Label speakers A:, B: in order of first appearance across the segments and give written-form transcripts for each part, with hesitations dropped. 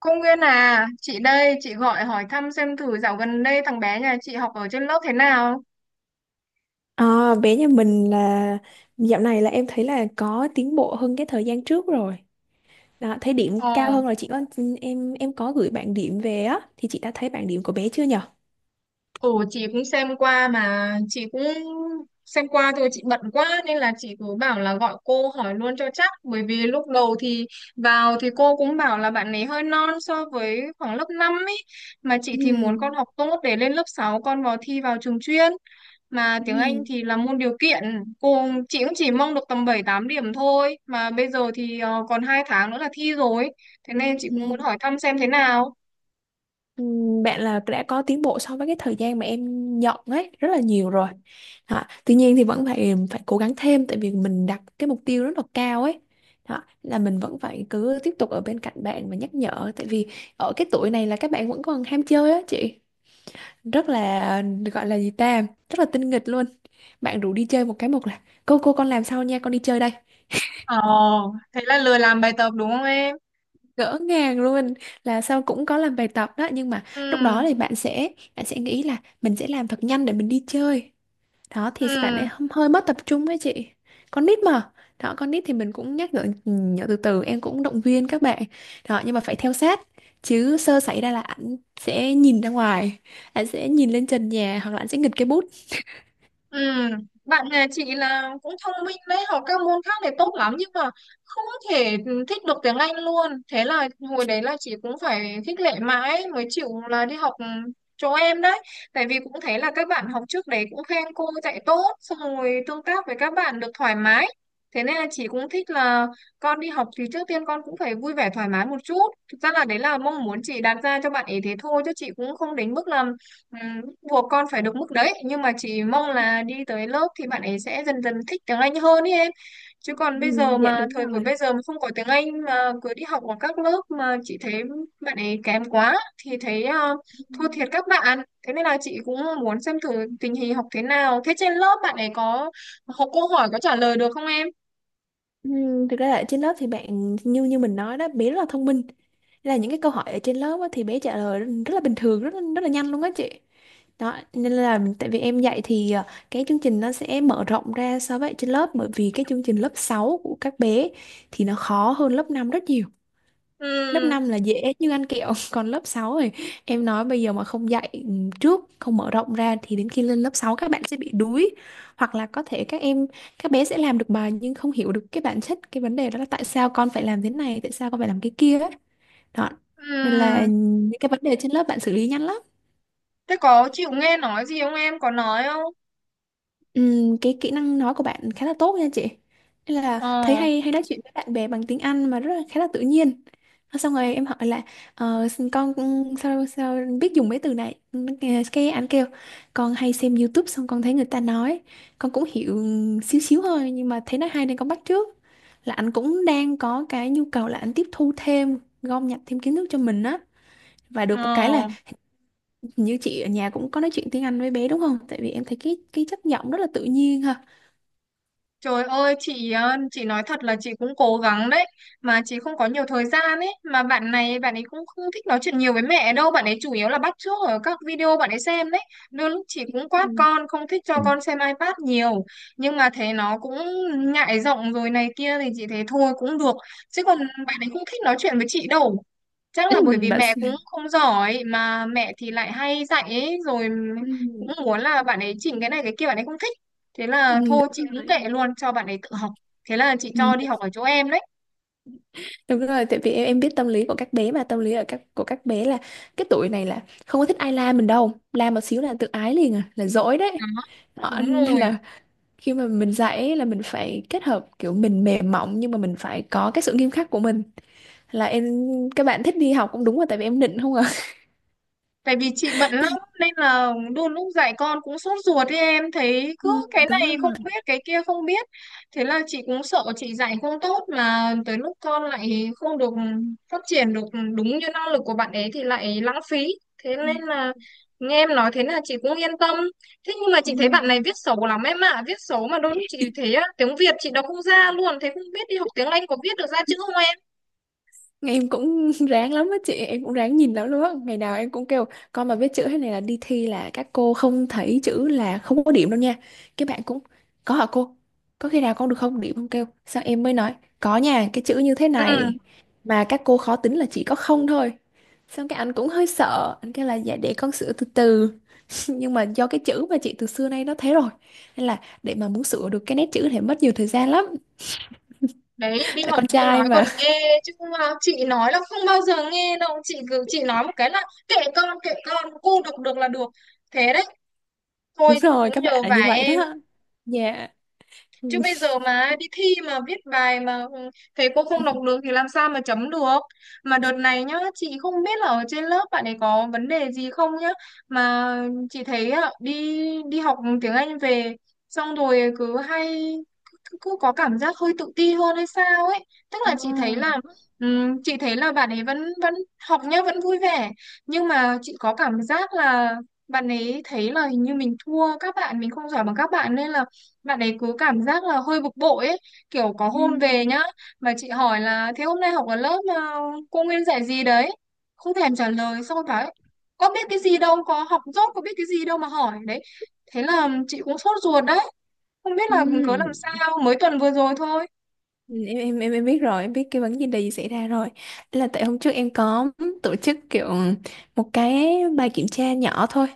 A: Cô Nguyên à, chị đây, chị gọi hỏi thăm xem thử dạo gần đây thằng bé nhà chị học ở trên lớp thế nào.
B: À, bé nhà mình là dạo này là em thấy là có tiến bộ hơn cái thời gian trước rồi. Đó, thấy điểm
A: Ồ,
B: cao hơn rồi. Chị có em có gửi bảng điểm về á, thì chị đã thấy bảng điểm của bé chưa nhở?
A: ồ. Chị cũng xem qua mà chị cũng xem qua thôi, chị bận quá nên là chị cứ bảo là gọi cô hỏi luôn cho chắc, bởi vì lúc đầu thì vào thì cô cũng bảo là bạn ấy hơi non so với khoảng lớp 5 ấy, mà chị thì muốn con
B: Ừ,
A: học tốt để lên lớp 6 con vào thi vào trường chuyên. Mà tiếng Anh
B: ừ,
A: thì là môn điều kiện. cô chị cũng chỉ mong được tầm 7-8 điểm thôi, mà bây giờ thì còn 2 tháng nữa là thi rồi, thế nên
B: ừ.
A: chị cũng muốn hỏi thăm xem thế nào.
B: Ừ, bạn là đã có tiến bộ so với cái thời gian mà em nhận ấy rất là nhiều rồi. Đó. Tuy nhiên thì vẫn phải phải cố gắng thêm, tại vì mình đặt cái mục tiêu rất là cao ấy. Đó. Là mình vẫn phải cứ tiếp tục ở bên cạnh bạn và nhắc nhở, tại vì ở cái tuổi này là các bạn vẫn còn ham chơi á chị. Rất là, gọi là gì ta, rất là tinh nghịch luôn. Bạn rủ đi chơi một cái một là cô con làm sau nha, con đi chơi đây.
A: Ồ, thế là lười làm bài tập đúng không em?
B: Ngỡ ngàng luôn. Là sau cũng có làm bài tập đó, nhưng mà lúc đó
A: Ừ.
B: thì bạn sẽ nghĩ là mình sẽ làm thật nhanh để mình đi chơi. Đó thì bạn
A: Ừ.
B: ấy hơi mất tập trung ấy chị. Con nít mà. Đó, con nít thì mình cũng nhắc nhở nhở từ từ, em cũng động viên các bạn. Đó, nhưng mà phải theo sát, chứ sơ xảy ra là ảnh sẽ nhìn ra ngoài, ảnh sẽ nhìn lên trần nhà, hoặc là ảnh sẽ nghịch cái bút.
A: Ừ, bạn nhà chị là cũng thông minh đấy, học các môn khác này tốt lắm, nhưng mà không thể thích được tiếng Anh luôn. Thế là hồi đấy là chị cũng phải khích lệ mãi mới chịu là đi học chỗ em đấy. Tại vì cũng thấy là các bạn học trước đấy cũng khen cô dạy tốt, xong rồi tương tác với các bạn được thoải mái. Thế nên là chị cũng thích là con đi học thì trước tiên con cũng phải vui vẻ thoải mái một chút. Thực ra là đấy là mong muốn chị đặt ra cho bạn ấy thế thôi, chứ chị cũng không đến mức là, ừ, buộc con phải được mức đấy, nhưng mà chỉ mong là đi tới lớp thì bạn ấy sẽ dần dần thích tiếng Anh hơn ý em. Chứ
B: Ừ,
A: còn bây giờ
B: dạ
A: mà,
B: đúng
A: thời buổi
B: rồi.
A: bây giờ mà không có tiếng Anh mà cứ đi học ở các lớp mà chị thấy bạn ấy kém quá thì thấy thua thiệt các bạn. Thế nên là chị cũng muốn xem thử tình hình học thế nào, thế trên lớp bạn ấy có học, câu hỏi có trả lời được không em?
B: Thực ra là ở trên lớp thì bạn, như như mình nói đó, bé rất là thông minh. Nên là những cái câu hỏi ở trên lớp á, thì bé trả lời rất là bình thường, rất là nhanh luôn á chị. Đó, nên là tại vì em dạy thì cái chương trình nó sẽ mở rộng ra so với ở trên lớp, bởi vì cái chương trình lớp 6 của các bé thì nó khó hơn lớp 5 rất nhiều. Lớp
A: Ừ.
B: 5 là dễ như ăn kẹo còn lớp 6 rồi. Em nói bây giờ mà không dạy trước, không mở rộng ra, thì đến khi lên lớp 6 các bạn sẽ bị đuối, hoặc là có thể các bé sẽ làm được bài nhưng không hiểu được cái bản chất cái vấn đề đó, là tại sao con phải làm thế này, tại sao con phải làm cái kia ấy. Đó, nên là
A: Ừ.
B: những cái vấn đề trên lớp bạn xử lý nhanh lắm.
A: Thế có chịu nghe nói gì không em, có nói không?
B: Cái kỹ năng nói của bạn khá là tốt nha chị. Nên là thấy
A: Ờ.
B: hay hay nói chuyện với bạn bè bằng tiếng Anh mà rất là, khá là tự nhiên. Xong rồi em hỏi là con sao sao biết dùng mấy từ này. Cái anh kêu con hay xem YouTube, xong con thấy người ta nói, con cũng hiểu xíu xíu thôi, nhưng mà thấy nói hay nên con bắt chước. Là anh cũng đang có cái nhu cầu là anh tiếp thu thêm, gom nhặt thêm kiến thức cho mình á. Và được một cái là
A: Ờ.
B: như chị ở nhà cũng có nói chuyện tiếng Anh với bé đúng không, tại vì em thấy cái chất giọng rất là tự nhiên ha.
A: Trời ơi chị, chị nói thật là chị cũng cố gắng đấy, mà chị không có nhiều thời gian ấy. Mà bạn này bạn ấy cũng không thích nói chuyện nhiều với mẹ đâu, bạn ấy chủ yếu là bắt chước ở các video bạn ấy xem đấy. Đôi lúc chị cũng quát con, không thích cho con xem iPad nhiều, nhưng mà thấy nó cũng ngại giọng rồi này kia thì chị thấy thôi cũng được. Chứ còn bạn ấy không thích nói chuyện với chị đâu, chắc là bởi vì
B: Bà,
A: mẹ cũng không giỏi mà mẹ thì lại hay dạy ấy rồi,
B: ừ,
A: cũng muốn là bạn ấy chỉnh cái này cái kia, bạn ấy không thích. Thế
B: ừ,
A: là thôi chị
B: đúng
A: cũng
B: rồi.
A: kệ luôn cho bạn ấy tự học, thế là chị cho đi
B: Ừ,
A: học ở chỗ em đấy.
B: đúng rồi, tại vì em biết tâm lý của các bé mà. Tâm lý ở của các bé là cái tuổi này là không có thích ai la mình đâu, la một xíu là tự ái liền à, là dỗi đấy.
A: Đó.
B: Đó,
A: Đúng
B: nên
A: rồi.
B: là khi mà mình dạy ấy là mình phải kết hợp, kiểu mình mềm mỏng nhưng mà mình phải có cái sự nghiêm khắc của mình. Là em, các bạn thích đi học cũng đúng rồi, tại vì em nịnh không à
A: Tại vì chị bận lắm nên là đôi lúc dạy con cũng sốt ruột ấy em, thấy cứ
B: Ừ,
A: cái
B: đúng rồi.
A: này không biết cái kia không biết. Thế là chị cũng sợ chị dạy không tốt mà tới lúc con lại không được phát triển được đúng như năng lực của bạn ấy thì lại lãng phí. Thế nên là nghe em nói thế là chị cũng yên tâm. Thế nhưng mà
B: Ừ,
A: chị thấy bạn này viết xấu lắm em ạ. Viết xấu mà đôi lúc chị thấy á, tiếng Việt chị đọc không ra luôn, thế không biết đi học tiếng Anh có viết được ra chữ không em?
B: em cũng ráng lắm á chị, em cũng ráng nhìn lắm luôn á. Ngày nào em cũng kêu con mà biết chữ thế này là đi thi là các cô không thấy chữ là không có điểm đâu nha. Các bạn cũng có hả cô, có khi nào con được không điểm không, kêu sao. Em mới nói có nha, cái chữ như thế
A: Ừ.
B: này mà các cô khó tính là chỉ có không thôi. Xong cái anh cũng hơi sợ, anh kêu là dạ để con sửa từ từ nhưng mà do cái chữ mà chị từ xưa nay nó thế rồi, nên là để mà muốn sửa được cái nét chữ thì mất nhiều thời gian lắm.
A: Đấy, đi
B: Là
A: học
B: con
A: cô
B: trai
A: nói còn
B: mà
A: nghe, chứ không mà chị nói là không bao giờ nghe đâu. Chị cứ, chị nói một cái là kệ con kệ con, cô, được được là được. Thế đấy.
B: đúng
A: Thôi
B: rồi,
A: cũng
B: các bạn
A: nhờ
B: là
A: vả
B: như vậy đó.
A: em,
B: Dạ.
A: chứ bây
B: À.
A: giờ mà đi thi mà viết bài mà thầy cô
B: Ừ.
A: không đọc được thì làm sao mà chấm được. Mà đợt này nhá, chị không biết là ở trên lớp bạn ấy có vấn đề gì không nhá, mà chị thấy ạ, đi đi học tiếng Anh về xong rồi cứ hay, cứ có cảm giác hơi tự ti hơn hay sao ấy. Tức là chị thấy
B: Ờ.
A: là, chị thấy là bạn ấy vẫn vẫn học nhá, vẫn vui vẻ, nhưng mà chị có cảm giác là bạn ấy thấy là hình như mình thua các bạn, mình không giỏi bằng các bạn nên là bạn ấy cứ cảm giác là hơi bực bội ấy. Kiểu có
B: Ừ.
A: hôm về nhá, mà chị hỏi là thế hôm nay học ở lớp mà cô Nguyên dạy gì đấy, không thèm trả lời, xong rồi bảo ấy, có biết cái gì đâu, có học dốt có biết cái gì đâu mà hỏi đấy. Thế là chị cũng sốt ruột đấy, không biết là cớ làm
B: Ừ.
A: sao, mới tuần vừa rồi thôi.
B: Em biết rồi, em biết cái vấn đề gì xảy ra rồi. Là tại hôm trước em có tổ chức kiểu một cái bài kiểm tra nhỏ thôi,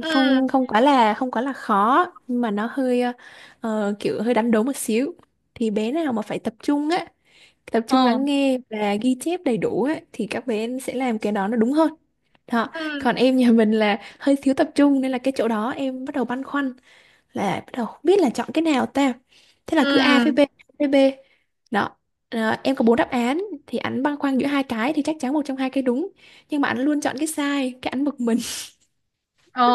A: Ừ.
B: không không quá là khó nhưng mà nó hơi kiểu hơi đánh đố một xíu. Thì bé nào mà phải tập trung á, tập trung
A: Ờ.
B: lắng nghe và ghi chép đầy đủ á thì các bé sẽ làm cái đó nó đúng hơn. Đó.
A: Ừ.
B: Còn em nhà mình là hơi thiếu tập trung, nên là cái chỗ đó em bắt đầu băn khoăn, là bắt đầu không biết là chọn cái nào ta. Thế là cứ A với
A: Ừ.
B: B, A với B. Đó. Ờ, em có bốn đáp án thì ảnh băn khoăn giữa hai cái, thì chắc chắn một trong hai cái đúng, nhưng mà ảnh luôn chọn cái sai, cái ảnh bực mình.
A: Ờ.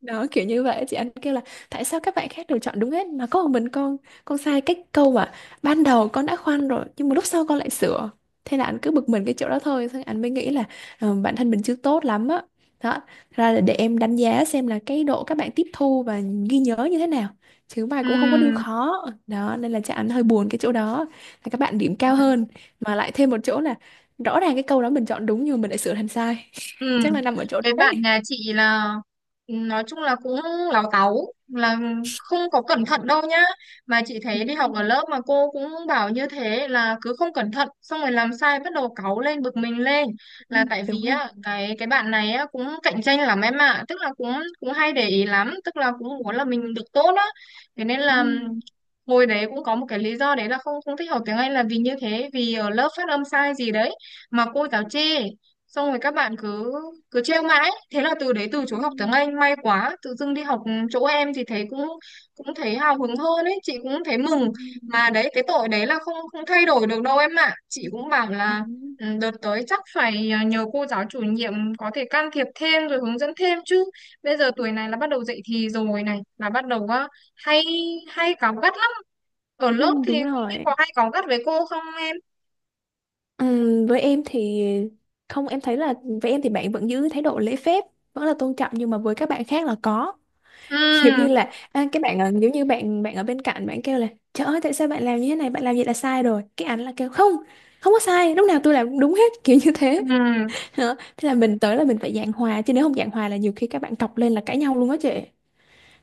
B: Đó, kiểu như vậy chị. Anh kêu là tại sao các bạn khác đều chọn đúng hết mà có một mình con sai cái câu mà ban đầu con đã khoan rồi nhưng mà lúc sau con lại sửa. Thế là anh cứ bực mình cái chỗ đó thôi, xong anh mới nghĩ là bản thân mình chưa tốt lắm á. Đó. Thật ra là để em đánh giá xem là cái độ các bạn tiếp thu và ghi nhớ như thế nào, chứ bài cũng không có đưa
A: Ừ.
B: khó. Đó nên là chị, anh hơi buồn cái chỗ đó, là các bạn điểm cao hơn. Mà lại thêm một chỗ là rõ ràng cái câu đó mình chọn đúng nhưng mà mình lại sửa thành sai.
A: Ừ.
B: Chắc là nằm ở chỗ
A: Cái bạn
B: đấy.
A: nhà chị là, ừ, nói chung là cũng láu táu, là không có cẩn thận đâu nhá. Mà chị thấy đi học ở lớp mà cô cũng bảo như thế, là cứ không cẩn thận xong rồi làm sai bắt đầu cáu lên bực mình lên.
B: Ừ,
A: Là tại
B: đúng
A: vì
B: rồi.
A: á, cái bạn này á cũng cạnh tranh lắm em ạ, tức là cũng cũng hay để ý lắm, tức là cũng muốn là mình được tốt á. Thế nên
B: Ừ,
A: là, hồi đấy cũng có một cái lý do đấy là không không thích học tiếng Anh là vì như thế, vì ở lớp phát âm sai gì đấy mà cô giáo chê, xong rồi các bạn cứ cứ trêu mãi, thế là từ đấy
B: ừ,
A: từ chối học tiếng Anh. May quá tự dưng đi học chỗ em thì thấy cũng cũng thấy hào hứng hơn ấy, chị cũng thấy
B: ừ,
A: mừng.
B: ừ,
A: Mà đấy, cái tội đấy là không không thay đổi được đâu em ạ. Chị
B: ừ.
A: cũng bảo
B: À,
A: là: "Ừ, đợt tới chắc phải, nhờ cô giáo chủ nhiệm có thể can thiệp thêm rồi hướng dẫn thêm". Chứ bây giờ tuổi này là bắt đầu dậy thì rồi này, là bắt đầu á, hay hay cáu gắt lắm. Ở
B: ừ,
A: lớp thì
B: đúng
A: không biết
B: rồi.
A: có hay cáu gắt với cô không em?
B: Với em thì không, em thấy là với em thì bạn vẫn giữ thái độ lễ phép, vẫn là tôn trọng, nhưng mà với các bạn khác là có
A: Ừ.
B: giống như là, à, giống như bạn bạn ở bên cạnh bạn kêu là trời ơi, tại sao bạn làm như thế này, bạn làm vậy là sai rồi, cái ảnh là kêu không không có sai, lúc nào tôi làm cũng đúng hết kiểu như thế.
A: Ừ.
B: Đó. Thế là mình tới là mình phải giảng hòa, chứ nếu không giảng hòa là nhiều khi các bạn cọc lên là cãi nhau luôn á chị.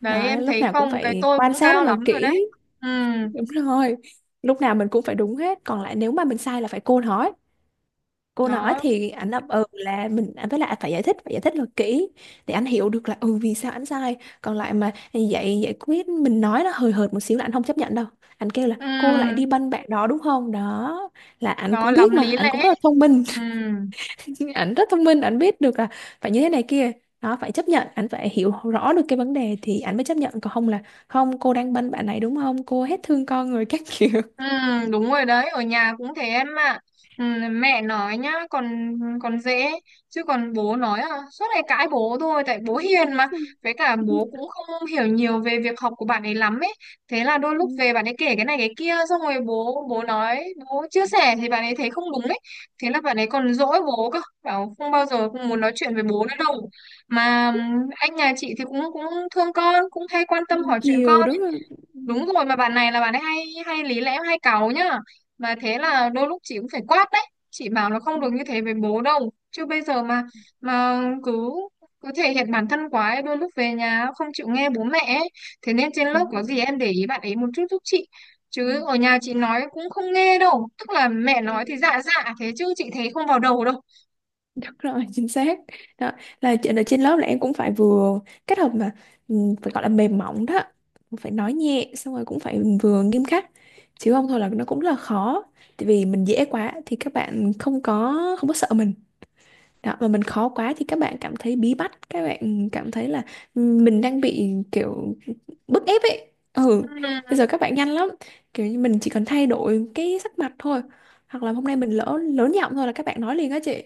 A: Đấy
B: Đó,
A: em
B: lúc
A: thấy
B: nào cũng
A: không, cái
B: phải
A: tôi
B: quan
A: cũng
B: sát rất
A: cao
B: là
A: lắm rồi đấy.
B: kỹ.
A: Ừ.
B: Đúng rồi. Lúc nào mình cũng phải đúng hết, còn lại nếu mà mình sai là phải cô nói. Cô nói
A: Nó,
B: thì anh ấp ừ là mình anh, với lại phải giải thích là kỹ để anh hiểu được là ừ vì sao anh sai. Còn lại mà giải giải quyết mình nói nó hời hợt một xíu là anh không chấp nhận đâu. Anh kêu là
A: ừ,
B: cô lại đi banh bạn đó đúng không? Đó, là anh
A: nó
B: cũng biết
A: lắm
B: mà,
A: lý
B: anh
A: lẽ.
B: cũng rất là thông minh.
A: Ừ.
B: Anh rất thông minh, anh biết được là phải như thế này kia. Đó, phải chấp nhận, anh phải hiểu rõ được cái vấn đề thì anh mới chấp nhận, còn không là không, cô đang banh bạn này đúng không? Cô hết thương con người các kiểu.
A: Ừ, đúng rồi, đấy ở nhà cũng thế em ạ. Ừ, mẹ nói nhá còn, dễ, chứ còn bố nói à, suốt ngày cãi bố thôi, tại bố hiền mà, với cả bố cũng không hiểu nhiều về việc học của bạn ấy lắm ấy. Thế là đôi lúc về bạn ấy kể cái này cái kia, xong rồi bố bố nói, bố chia sẻ thì bạn ấy thấy không đúng ấy. Thế là bạn ấy còn dỗi bố cơ, bảo không bao giờ cũng muốn nói chuyện với bố nữa đâu. Mà anh nhà chị thì cũng cũng thương con, cũng hay quan tâm hỏi chuyện
B: Thiều
A: con.
B: đúng không? Ừ,
A: Đúng rồi, mà bạn này là bạn ấy hay, lý lẽ hay cáu nhá. Mà thế là đôi lúc chị cũng phải quát đấy. Chị bảo là không
B: ừ,
A: được như thế với bố đâu. Chứ bây giờ mà, cứ, thể hiện bản thân quá ấy, đôi lúc về nhà không chịu nghe bố mẹ ấy. Thế nên trên lớp
B: đúng
A: có gì
B: rồi.
A: em để ý bạn ấy một chút giúp chị.
B: Ừ,
A: Chứ ở nhà chị nói cũng không nghe đâu. Tức là mẹ nói thì
B: ừ.
A: dạ dạ thế, chứ chị thấy không vào đầu đâu.
B: Đúng rồi, chính xác. Đó, là chuyện ở trên lớp là em cũng phải vừa kết hợp mà, ừ, phải gọi là mềm mỏng đó. Cũng phải nói nhẹ, xong rồi cũng phải vừa nghiêm khắc. Chứ không thôi là nó cũng là khó. Tại vì mình dễ quá thì các bạn không có sợ mình. Đó, và mình khó quá thì các bạn cảm thấy bí bách, các bạn cảm thấy là mình đang bị kiểu bức ép ấy. Ừ, bây
A: Ừ.
B: giờ các bạn nhanh lắm. Kiểu như mình chỉ cần thay đổi cái sắc mặt thôi, hoặc là hôm nay mình lỡ lớn giọng thôi là các bạn nói liền á chị.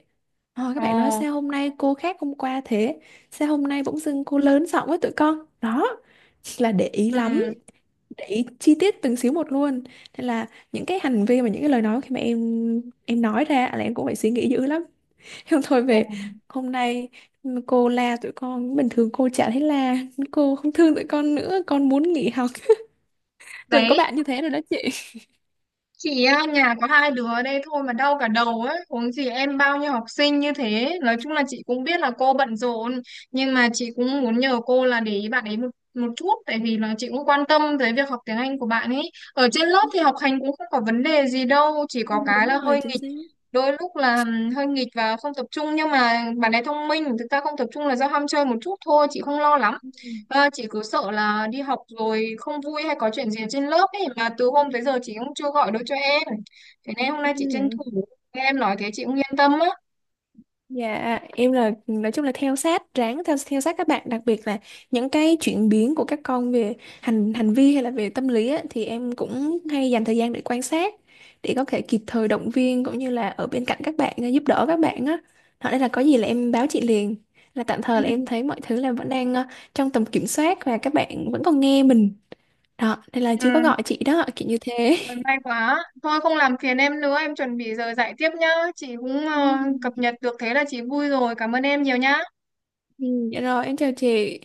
B: Ờ, các
A: Ồ.
B: bạn nói sao hôm nay cô khác hôm qua thế? Sao hôm nay bỗng dưng cô lớn giọng với tụi con? Đó, là để ý
A: Ừ.
B: lắm, để ý chi tiết từng xíu một luôn. Nên là những cái hành vi và những cái lời nói khi mà em nói ra là em cũng phải suy nghĩ dữ lắm. Em thôi,
A: Ồ.
B: về hôm nay cô la tụi con, bình thường cô chả thấy la, cô không thương tụi con nữa, con muốn nghỉ học. Đừng có
A: Đấy.
B: bạn như thế rồi đó chị.
A: Chị á, nhà có hai đứa ở đây thôi mà đau cả đầu ấy, huống gì em bao nhiêu học sinh như thế. Nói chung là chị cũng biết là cô bận rộn, nhưng mà chị cũng muốn nhờ cô là để ý bạn ấy một một chút, tại vì là chị cũng quan tâm tới việc học tiếng Anh của bạn ấy. Ở trên lớp thì học hành cũng không có vấn đề gì đâu, chỉ
B: Ừ,
A: có cái
B: đúng
A: là
B: rồi,
A: hơi
B: chính
A: nghịch.
B: xác.
A: Đôi lúc là hơi nghịch và không tập trung, nhưng mà bạn ấy thông minh, thực ra không tập trung là do ham chơi một chút thôi, chị không lo lắm.
B: Ừ.
A: À, chị cứ sợ là đi học rồi không vui hay có chuyện gì trên lớp ấy, mà từ hôm tới giờ chị cũng chưa gọi được cho em. Thế nên hôm nay chị tranh
B: Ừ.
A: thủ nghe em nói thế chị cũng yên tâm á.
B: Dạ, em là nói chung là theo sát, ráng theo theo sát các bạn, đặc biệt là những cái chuyển biến của các con về hành hành vi hay là về tâm lý á, thì em cũng hay dành thời gian để quan sát để có thể kịp thời động viên cũng như là ở bên cạnh các bạn, giúp đỡ các bạn á. Đó nên là có gì là em báo chị liền. Là tạm
A: Ừ,
B: thời là em thấy mọi thứ là vẫn đang trong tầm kiểm soát và các bạn vẫn còn nghe mình. Đó, nên là chưa có
A: ừ,
B: gọi chị đó, kiểu như thế.
A: rồi may quá. Thôi không làm phiền em nữa, em chuẩn bị giờ dạy tiếp nhá. Chị cũng
B: Ừ,
A: cập nhật được thế là chị vui rồi. Cảm ơn em nhiều nhá.
B: ừ, dạ rồi, em chào chị.